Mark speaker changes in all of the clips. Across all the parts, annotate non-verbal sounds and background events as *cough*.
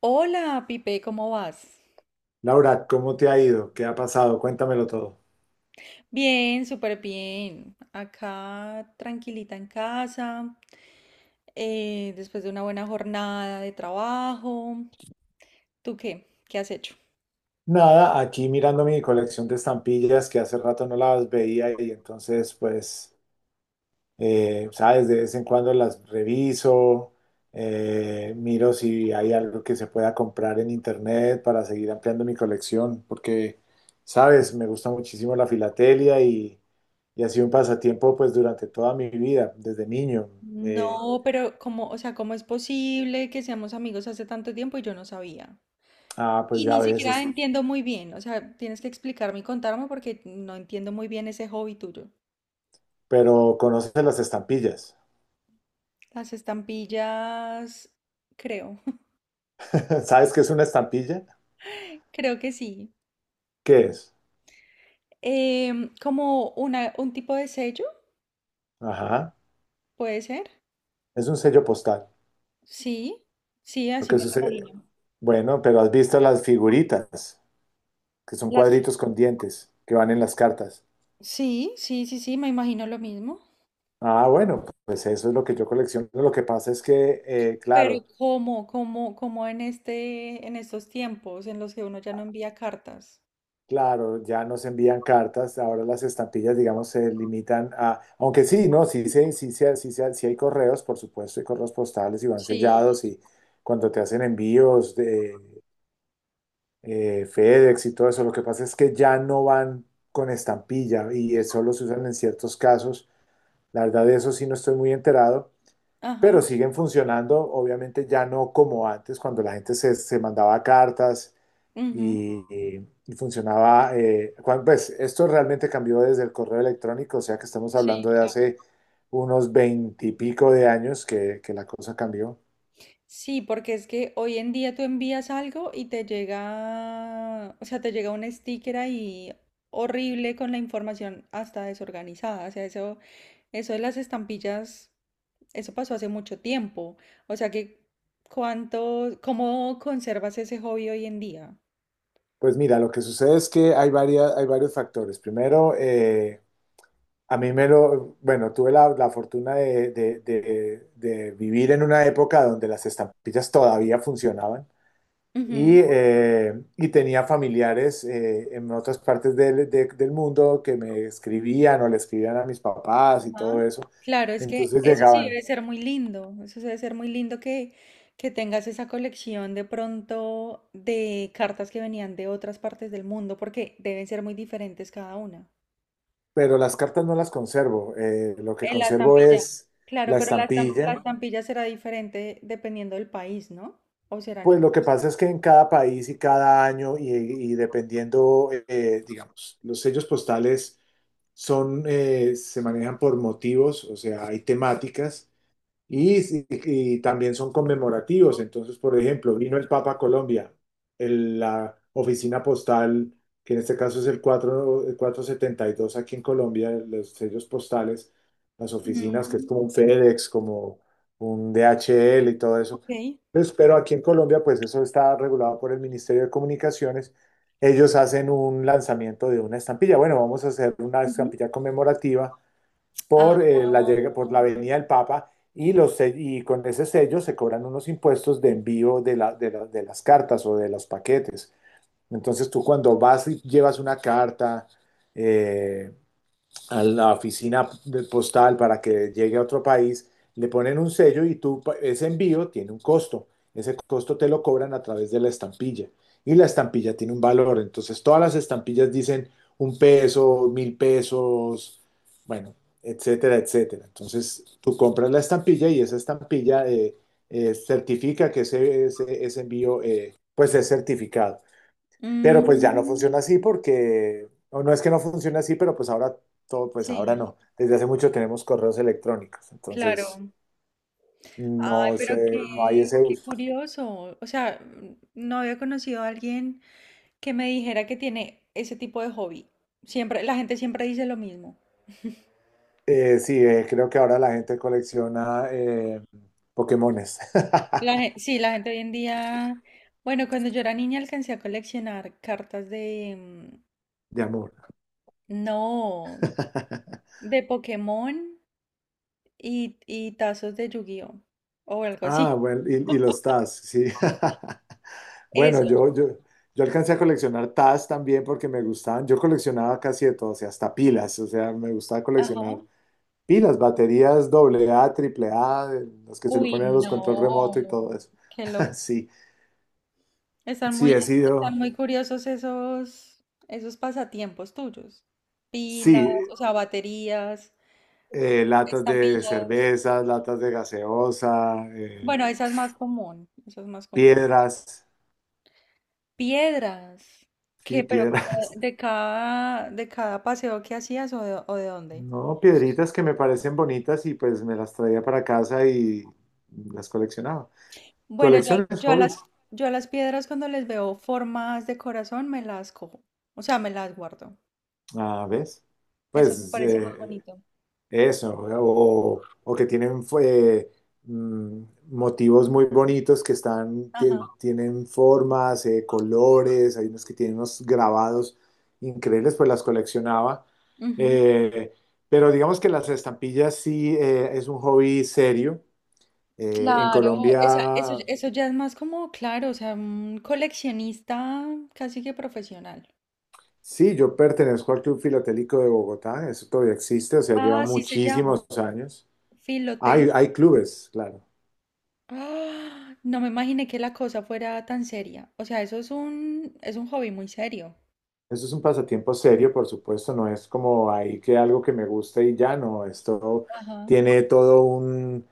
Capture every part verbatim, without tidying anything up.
Speaker 1: Hola, Pipe, ¿cómo vas?
Speaker 2: Laura, ¿cómo te ha ido? ¿Qué ha pasado? Cuéntamelo todo.
Speaker 1: Bien, súper bien. Acá tranquilita en casa, eh, después de una buena jornada de trabajo. ¿Tú qué? ¿Qué has hecho?
Speaker 2: Nada, aquí mirando mi colección de estampillas que hace rato no las veía, y entonces pues, eh, sabes, de vez en cuando las reviso, eh, miro si hay algo que se pueda comprar en internet para seguir ampliando mi colección, porque, sabes, me gusta muchísimo la filatelia y, y ha sido un pasatiempo pues durante toda mi vida, desde niño. Eh,
Speaker 1: No, pero ¿cómo, o sea, cómo es posible que seamos amigos hace tanto tiempo y yo no sabía?
Speaker 2: ah, pues
Speaker 1: Y
Speaker 2: ya a
Speaker 1: ni siquiera
Speaker 2: veces,
Speaker 1: entiendo muy bien, o sea, tienes que explicarme y contarme porque no entiendo muy bien ese hobby tuyo.
Speaker 2: pero conoces las estampillas.
Speaker 1: Las estampillas, creo,
Speaker 2: *laughs* ¿Sabes qué es una estampilla?
Speaker 1: *laughs* creo que sí.
Speaker 2: ¿Qué es?
Speaker 1: Em, como una, un tipo de sello.
Speaker 2: Ajá,
Speaker 1: Puede ser,
Speaker 2: es un sello postal.
Speaker 1: sí, sí,
Speaker 2: Lo
Speaker 1: así
Speaker 2: que
Speaker 1: me lo
Speaker 2: sucede,
Speaker 1: imagino.
Speaker 2: bueno, pero has visto las figuritas, que son
Speaker 1: Las...
Speaker 2: cuadritos con dientes, que van en las cartas.
Speaker 1: Sí, sí, sí, sí, me imagino lo mismo.
Speaker 2: Ah, bueno, pues eso es lo que yo colecciono. Lo que pasa es que, eh,
Speaker 1: Pero
Speaker 2: claro,
Speaker 1: ¿cómo, cómo, cómo en este, en estos tiempos en los que uno ya no envía cartas?
Speaker 2: claro, ya no se envían cartas. Ahora las estampillas, digamos, se limitan a, aunque sí, no, sí, sí, sí, sí, sí, sí, sí hay correos, por supuesto, hay correos postales y van
Speaker 1: Sí.
Speaker 2: sellados, y cuando te hacen envíos de eh, FedEx y todo eso. Lo que pasa es que ya no van con estampilla, y eh, solo se usan en ciertos casos. La verdad de eso sí no estoy muy enterado,
Speaker 1: Ajá.
Speaker 2: pero siguen funcionando. Obviamente ya no como antes, cuando la gente se, se mandaba cartas
Speaker 1: Ujú.
Speaker 2: y, y- y funcionaba. Eh, cuan- pues esto realmente cambió desde el correo electrónico, o sea que estamos
Speaker 1: Sí,
Speaker 2: hablando de
Speaker 1: claro.
Speaker 2: hace unos veintipico de años que, que la cosa cambió.
Speaker 1: Sí, porque es que hoy en día tú envías algo y te llega, o sea, te llega un sticker ahí horrible con la información hasta desorganizada. O sea, eso. Eso de las estampillas, eso pasó hace mucho tiempo. O sea que, ¿cuánto, cómo conservas ese hobby hoy en día?
Speaker 2: Pues mira, lo que sucede es que hay varias, hay varios factores. Primero, eh, A mí me lo, bueno, tuve la, la fortuna de, de- de- de vivir en una época donde las estampillas todavía funcionaban, y,
Speaker 1: Ujú,
Speaker 2: eh, y tenía familiares eh, en otras partes del, de- del mundo que me escribían, o le escribían a mis papás y todo
Speaker 1: ajá.
Speaker 2: eso.
Speaker 1: Claro, es que
Speaker 2: Entonces
Speaker 1: eso sí
Speaker 2: llegaban,
Speaker 1: debe ser muy lindo. Eso debe ser muy lindo que, que tengas esa colección de pronto de cartas que venían de otras partes del mundo, porque deben ser muy diferentes cada una.
Speaker 2: pero las cartas no las conservo. eh, lo que
Speaker 1: En la
Speaker 2: conservo
Speaker 1: estampilla.
Speaker 2: es
Speaker 1: Claro,
Speaker 2: la
Speaker 1: pero la, estam- la
Speaker 2: estampilla.
Speaker 1: estampilla será diferente dependiendo del país, ¿no? ¿O serán
Speaker 2: Pues lo que
Speaker 1: iguales?
Speaker 2: pasa es que en cada país y cada año, y, y dependiendo, eh, digamos, los sellos postales son, eh, se manejan por motivos, o sea, hay temáticas. Y, si- y también son conmemorativos. Entonces, por ejemplo, vino el Papa a Colombia, el- la oficina postal, que en este caso es el cuatro, el cuatrocientos setenta y dos aquí en Colombia, los sellos postales, las oficinas, que es
Speaker 1: Mm,
Speaker 2: como un FedEx, como un D H L y todo eso.
Speaker 1: ok.
Speaker 2: Pues, pero aquí en Colombia, pues eso está regulado por el Ministerio de Comunicaciones. Ellos hacen un lanzamiento de una estampilla. Bueno, vamos a hacer una
Speaker 1: Ujú.
Speaker 2: estampilla conmemorativa
Speaker 1: Ah,
Speaker 2: por, eh, la, llega- por la venida del Papa, y, los, se- y con ese sello se cobran unos impuestos de envío de, la- de la- de las cartas o de los paquetes. Entonces tú, cuando vas y llevas una carta, eh, a la oficina de postal para que llegue a otro país, le ponen un sello, y tú, ese envío tiene un costo. Ese costo te lo cobran a través de la estampilla. Y la estampilla tiene un valor. Entonces, todas las estampillas dicen un peso, mil pesos, bueno, etcétera, etcétera. Entonces, tú compras la estampilla, y esa estampilla eh, eh, certifica que ese, ese- ese envío eh, pues es certificado. Pero pues ya no funciona
Speaker 1: mm,
Speaker 2: así porque, o no es que no funcione así, pero pues ahora todo, pues ahora
Speaker 1: sí,
Speaker 2: no. Desde hace mucho tenemos correos electrónicos, entonces
Speaker 1: claro. Ay,
Speaker 2: no
Speaker 1: pero
Speaker 2: sé, no hay
Speaker 1: qué,
Speaker 2: ese
Speaker 1: qué
Speaker 2: uso.
Speaker 1: curioso. O sea, mm, no había conocido a alguien que me dijera que tiene ese tipo de hobby. Siempre, la gente siempre dice lo mismo.
Speaker 2: Eh, sí, eh, creo que ahora la gente colecciona eh, Pokémones.
Speaker 1: La, gen- sí, la gente hoy en día. Bueno, cuando yo era niña alcancé a coleccionar cartas de, mm,
Speaker 2: *laughs* De amor.
Speaker 1: no, de Pokémon y, y tazos de Yu-Gi-Oh! O algo
Speaker 2: Ah,
Speaker 1: así.
Speaker 2: bueno, y, y los Taz, sí. *laughs* Bueno,
Speaker 1: Eso.
Speaker 2: yo, yo, yo alcancé a coleccionar Taz también, porque me gustaban. Yo coleccionaba casi de todo, o sea, hasta pilas, o sea, me gustaba
Speaker 1: Ajá.
Speaker 2: coleccionar. Y las baterías doble A, triple A, las que se le ponen a
Speaker 1: Uy,
Speaker 2: los control remoto y
Speaker 1: no,
Speaker 2: todo eso.
Speaker 1: qué
Speaker 2: *laughs*
Speaker 1: loco.
Speaker 2: Sí,
Speaker 1: Están
Speaker 2: sí,
Speaker 1: muy,
Speaker 2: he
Speaker 1: están
Speaker 2: sido,
Speaker 1: muy curiosos esos, esos pasatiempos tuyos. Pilas,
Speaker 2: sí,
Speaker 1: o sea, baterías,
Speaker 2: eh, latas de
Speaker 1: estampillas.
Speaker 2: cervezas, latas de gaseosa, eh,
Speaker 1: Bueno, esa es más común, esa es más común.
Speaker 2: piedras,
Speaker 1: Piedras.
Speaker 2: sí,
Speaker 1: ¿Qué? Pero como de,
Speaker 2: piedras.
Speaker 1: de
Speaker 2: *laughs*
Speaker 1: cada, de cada paseo que hacías o de, o de dónde.
Speaker 2: No, piedritas que me parecen bonitas, y pues me las traía para casa y las coleccionaba.
Speaker 1: Bueno, yo, a-
Speaker 2: Colecciones,
Speaker 1: yo a las,
Speaker 2: hobbies.
Speaker 1: yo a las piedras cuando les veo formas de corazón me las cojo. O sea, me las guardo.
Speaker 2: Ah, ¿ves?
Speaker 1: Eso me
Speaker 2: Pues
Speaker 1: parece muy
Speaker 2: eh,
Speaker 1: bonito.
Speaker 2: Eso, o, o que tienen fue, mm, motivos muy bonitos, que están,
Speaker 1: Ajá.
Speaker 2: tie- tienen formas, eh, colores, hay unos que tienen unos grabados increíbles, pues las coleccionaba. Eh, pero digamos que las estampillas sí eh, es un hobby serio. Eh, en
Speaker 1: Claro, esa- eso,
Speaker 2: Colombia,
Speaker 1: eso ya es más como, claro, o sea, un coleccionista casi que profesional.
Speaker 2: sí, yo pertenezco al Club Filatélico de Bogotá, eso todavía existe, o sea, lleva
Speaker 1: Ah, sí se llama.
Speaker 2: muchísimos años.
Speaker 1: Filotel.
Speaker 2: Hay, hay clubes, claro.
Speaker 1: Ah, no me imaginé que la cosa fuera tan seria. O sea, eso es un, es un hobby muy serio.
Speaker 2: Eso es un pasatiempo serio, por supuesto, no es como ahí que algo que me guste y ya no, esto
Speaker 1: Ajá.
Speaker 2: tiene todo un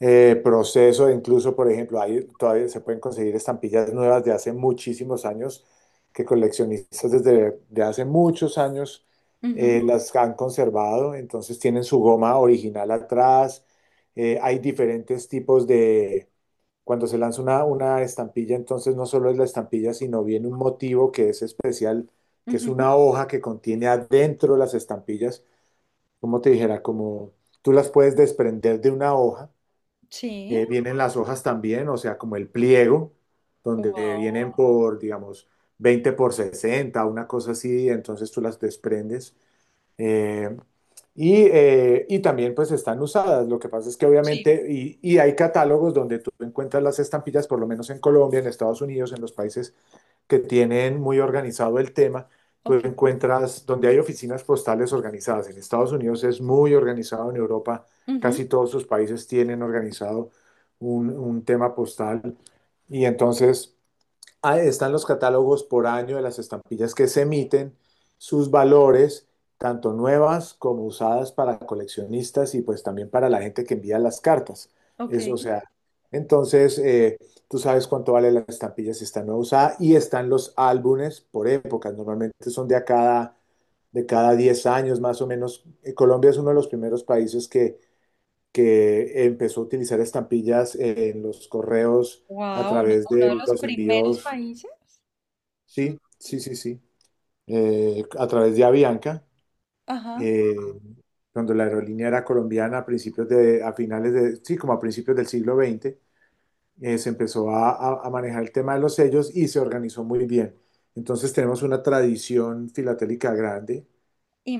Speaker 2: eh, proceso. Incluso, por ejemplo, ahí todavía se pueden conseguir estampillas nuevas de hace muchísimos años, que coleccionistas desde de hace muchos años eh, las han conservado, entonces tienen su goma original atrás, eh, hay diferentes tipos de cuando se lanza una, una estampilla, entonces no solo es la estampilla, sino viene un motivo que es especial, que
Speaker 1: Ujú,
Speaker 2: es
Speaker 1: ujú.
Speaker 2: una hoja que contiene adentro las estampillas, como te dijera, como tú las puedes desprender de una hoja,
Speaker 1: Sí.
Speaker 2: eh, vienen las hojas también, o sea, como el pliego, donde vienen
Speaker 1: Wow.
Speaker 2: por, digamos, veinte por sesenta, una cosa así, entonces tú las desprendes, eh, y, eh, y también pues están usadas. Lo que pasa es que
Speaker 1: Sí.
Speaker 2: obviamente, y, y hay catálogos donde tú encuentras las estampillas, por lo menos en Colombia, en Estados Unidos, en los países que tienen muy organizado el tema, tú
Speaker 1: Ok.
Speaker 2: encuentras donde hay oficinas postales organizadas. En Estados Unidos es muy organizado, en Europa
Speaker 1: Ujú,
Speaker 2: casi todos sus países tienen organizado un, un tema postal. Y entonces... Ahí están los catálogos por año de las estampillas que se emiten, sus valores, tanto nuevas como usadas, para coleccionistas, y pues también para la gente que envía las cartas.
Speaker 1: ok.
Speaker 2: Eso, o sea, entonces eh, tú sabes cuánto vale la estampilla si está nueva usada, y están los álbumes por épocas. Normalmente son de a cada, de cada diez años más o menos. Eh, Colombia es uno de los primeros países que, que empezó a utilizar estampillas en los correos, a
Speaker 1: Wow, uno,
Speaker 2: través
Speaker 1: uno de
Speaker 2: de
Speaker 1: los
Speaker 2: los
Speaker 1: primeros
Speaker 2: envíos.
Speaker 1: países. Mm,
Speaker 2: Sí, sí, sí, sí. Eh, a través de Avianca,
Speaker 1: ajá.
Speaker 2: eh, cuando la aerolínea era colombiana a principios de, a finales de, sí, como a principios del siglo veinte, eh, se empezó a, a- a manejar el tema de los sellos, y se organizó muy bien. Entonces tenemos una tradición filatélica grande,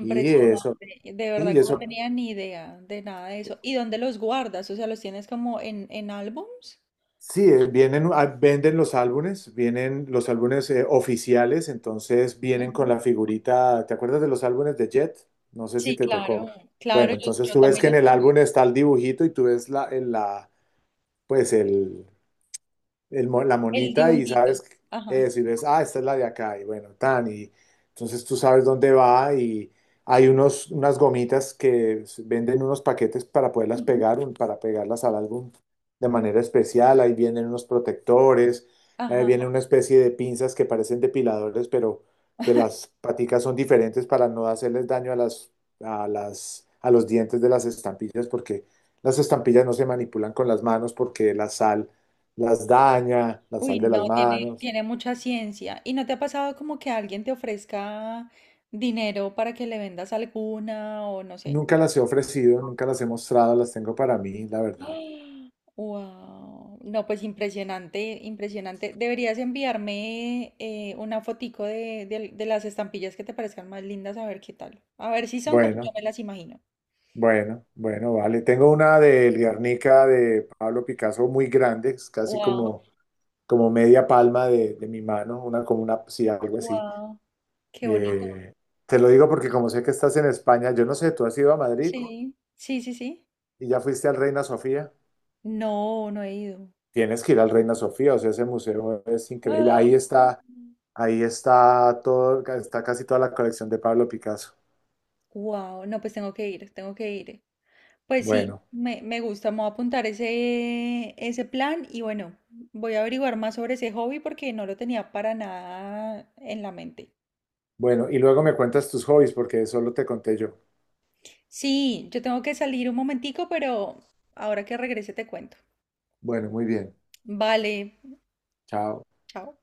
Speaker 2: y eso,
Speaker 1: de
Speaker 2: sí,
Speaker 1: verdad
Speaker 2: y
Speaker 1: que no
Speaker 2: eso.
Speaker 1: tenía ni idea de nada de eso. ¿Y dónde los guardas? O sea, ¿los tienes como en, en álbums?
Speaker 2: Sí, eh, vienen, ah, venden los álbumes, vienen los álbumes eh, oficiales, entonces vienen con
Speaker 1: Ujú.
Speaker 2: la figurita. ¿Te acuerdas de los álbumes de Jet? No sé si
Speaker 1: Sí,
Speaker 2: te
Speaker 1: claro,
Speaker 2: tocó.
Speaker 1: claro,
Speaker 2: Bueno,
Speaker 1: yo,
Speaker 2: entonces
Speaker 1: yo
Speaker 2: tú ves
Speaker 1: también
Speaker 2: que en
Speaker 1: los
Speaker 2: el
Speaker 1: conozco.
Speaker 2: álbum está el dibujito, y tú ves la, el- la, pues el, el mo- la
Speaker 1: El
Speaker 2: monita, y
Speaker 1: dibujito.
Speaker 2: sabes
Speaker 1: Ajá.
Speaker 2: eso, y ves, ah, esta es la de acá, y bueno, tan, y entonces tú sabes dónde va, y hay unos, unas gomitas que s- venden unos paquetes para poderlas
Speaker 1: Ujú.
Speaker 2: pegar, un- para pegarlas al álbum de manera especial. Ahí vienen unos protectores, eh, viene
Speaker 1: Ajá.
Speaker 2: una especie de pinzas que parecen depiladores, pero que las paticas son diferentes para no hacerles daño a las, a las, a los dientes de las estampillas, porque las estampillas no se manipulan con las manos, porque la sal las daña, las
Speaker 1: Uy,
Speaker 2: sal de las
Speaker 1: no, tiene,
Speaker 2: manos.
Speaker 1: tiene mucha ciencia. ¿Y no te ha pasado como que alguien te ofrezca dinero para que le vendas alguna o no sé?
Speaker 2: Nunca las he ofrecido, nunca las he mostrado, las tengo para mí, la verdad.
Speaker 1: Wow. No, pues impresionante, impresionante. Deberías enviarme eh, una fotico de, de- de las estampillas que te parezcan más lindas, a ver qué tal. A ver si son como yo
Speaker 2: Bueno,
Speaker 1: me las imagino.
Speaker 2: bueno, bueno, vale. Tengo una del Guernica de Pablo Picasso muy grande, es casi
Speaker 1: Wow,
Speaker 2: como, como media palma de, de mi mano, una como una, sí, algo así.
Speaker 1: wow. Qué bonito.
Speaker 2: Eh, Te lo digo porque como sé que estás en España, yo no sé, tú has ido a Madrid
Speaker 1: Sí, sí, sí, sí.
Speaker 2: y ya fuiste al Reina Sofía.
Speaker 1: No, no he ido.
Speaker 2: Tienes que ir al Reina Sofía, o sea, ese museo es increíble. Ahí está Ahí está todo, está casi toda la colección de Pablo Picasso.
Speaker 1: Wow, no, pues tengo que ir, tengo que ir. Pues sí,
Speaker 2: Bueno,
Speaker 1: me, me gusta, me voy a apuntar ese, ese plan y bueno, voy a averiguar más sobre ese hobby porque no lo tenía para nada en la mente.
Speaker 2: bueno, y luego me cuentas tus hobbies, porque solo te conté yo.
Speaker 1: Sí, yo tengo que salir un momentico, pero ahora que regrese te cuento.
Speaker 2: Bueno, muy bien.
Speaker 1: Vale,
Speaker 2: Chao.
Speaker 1: chao.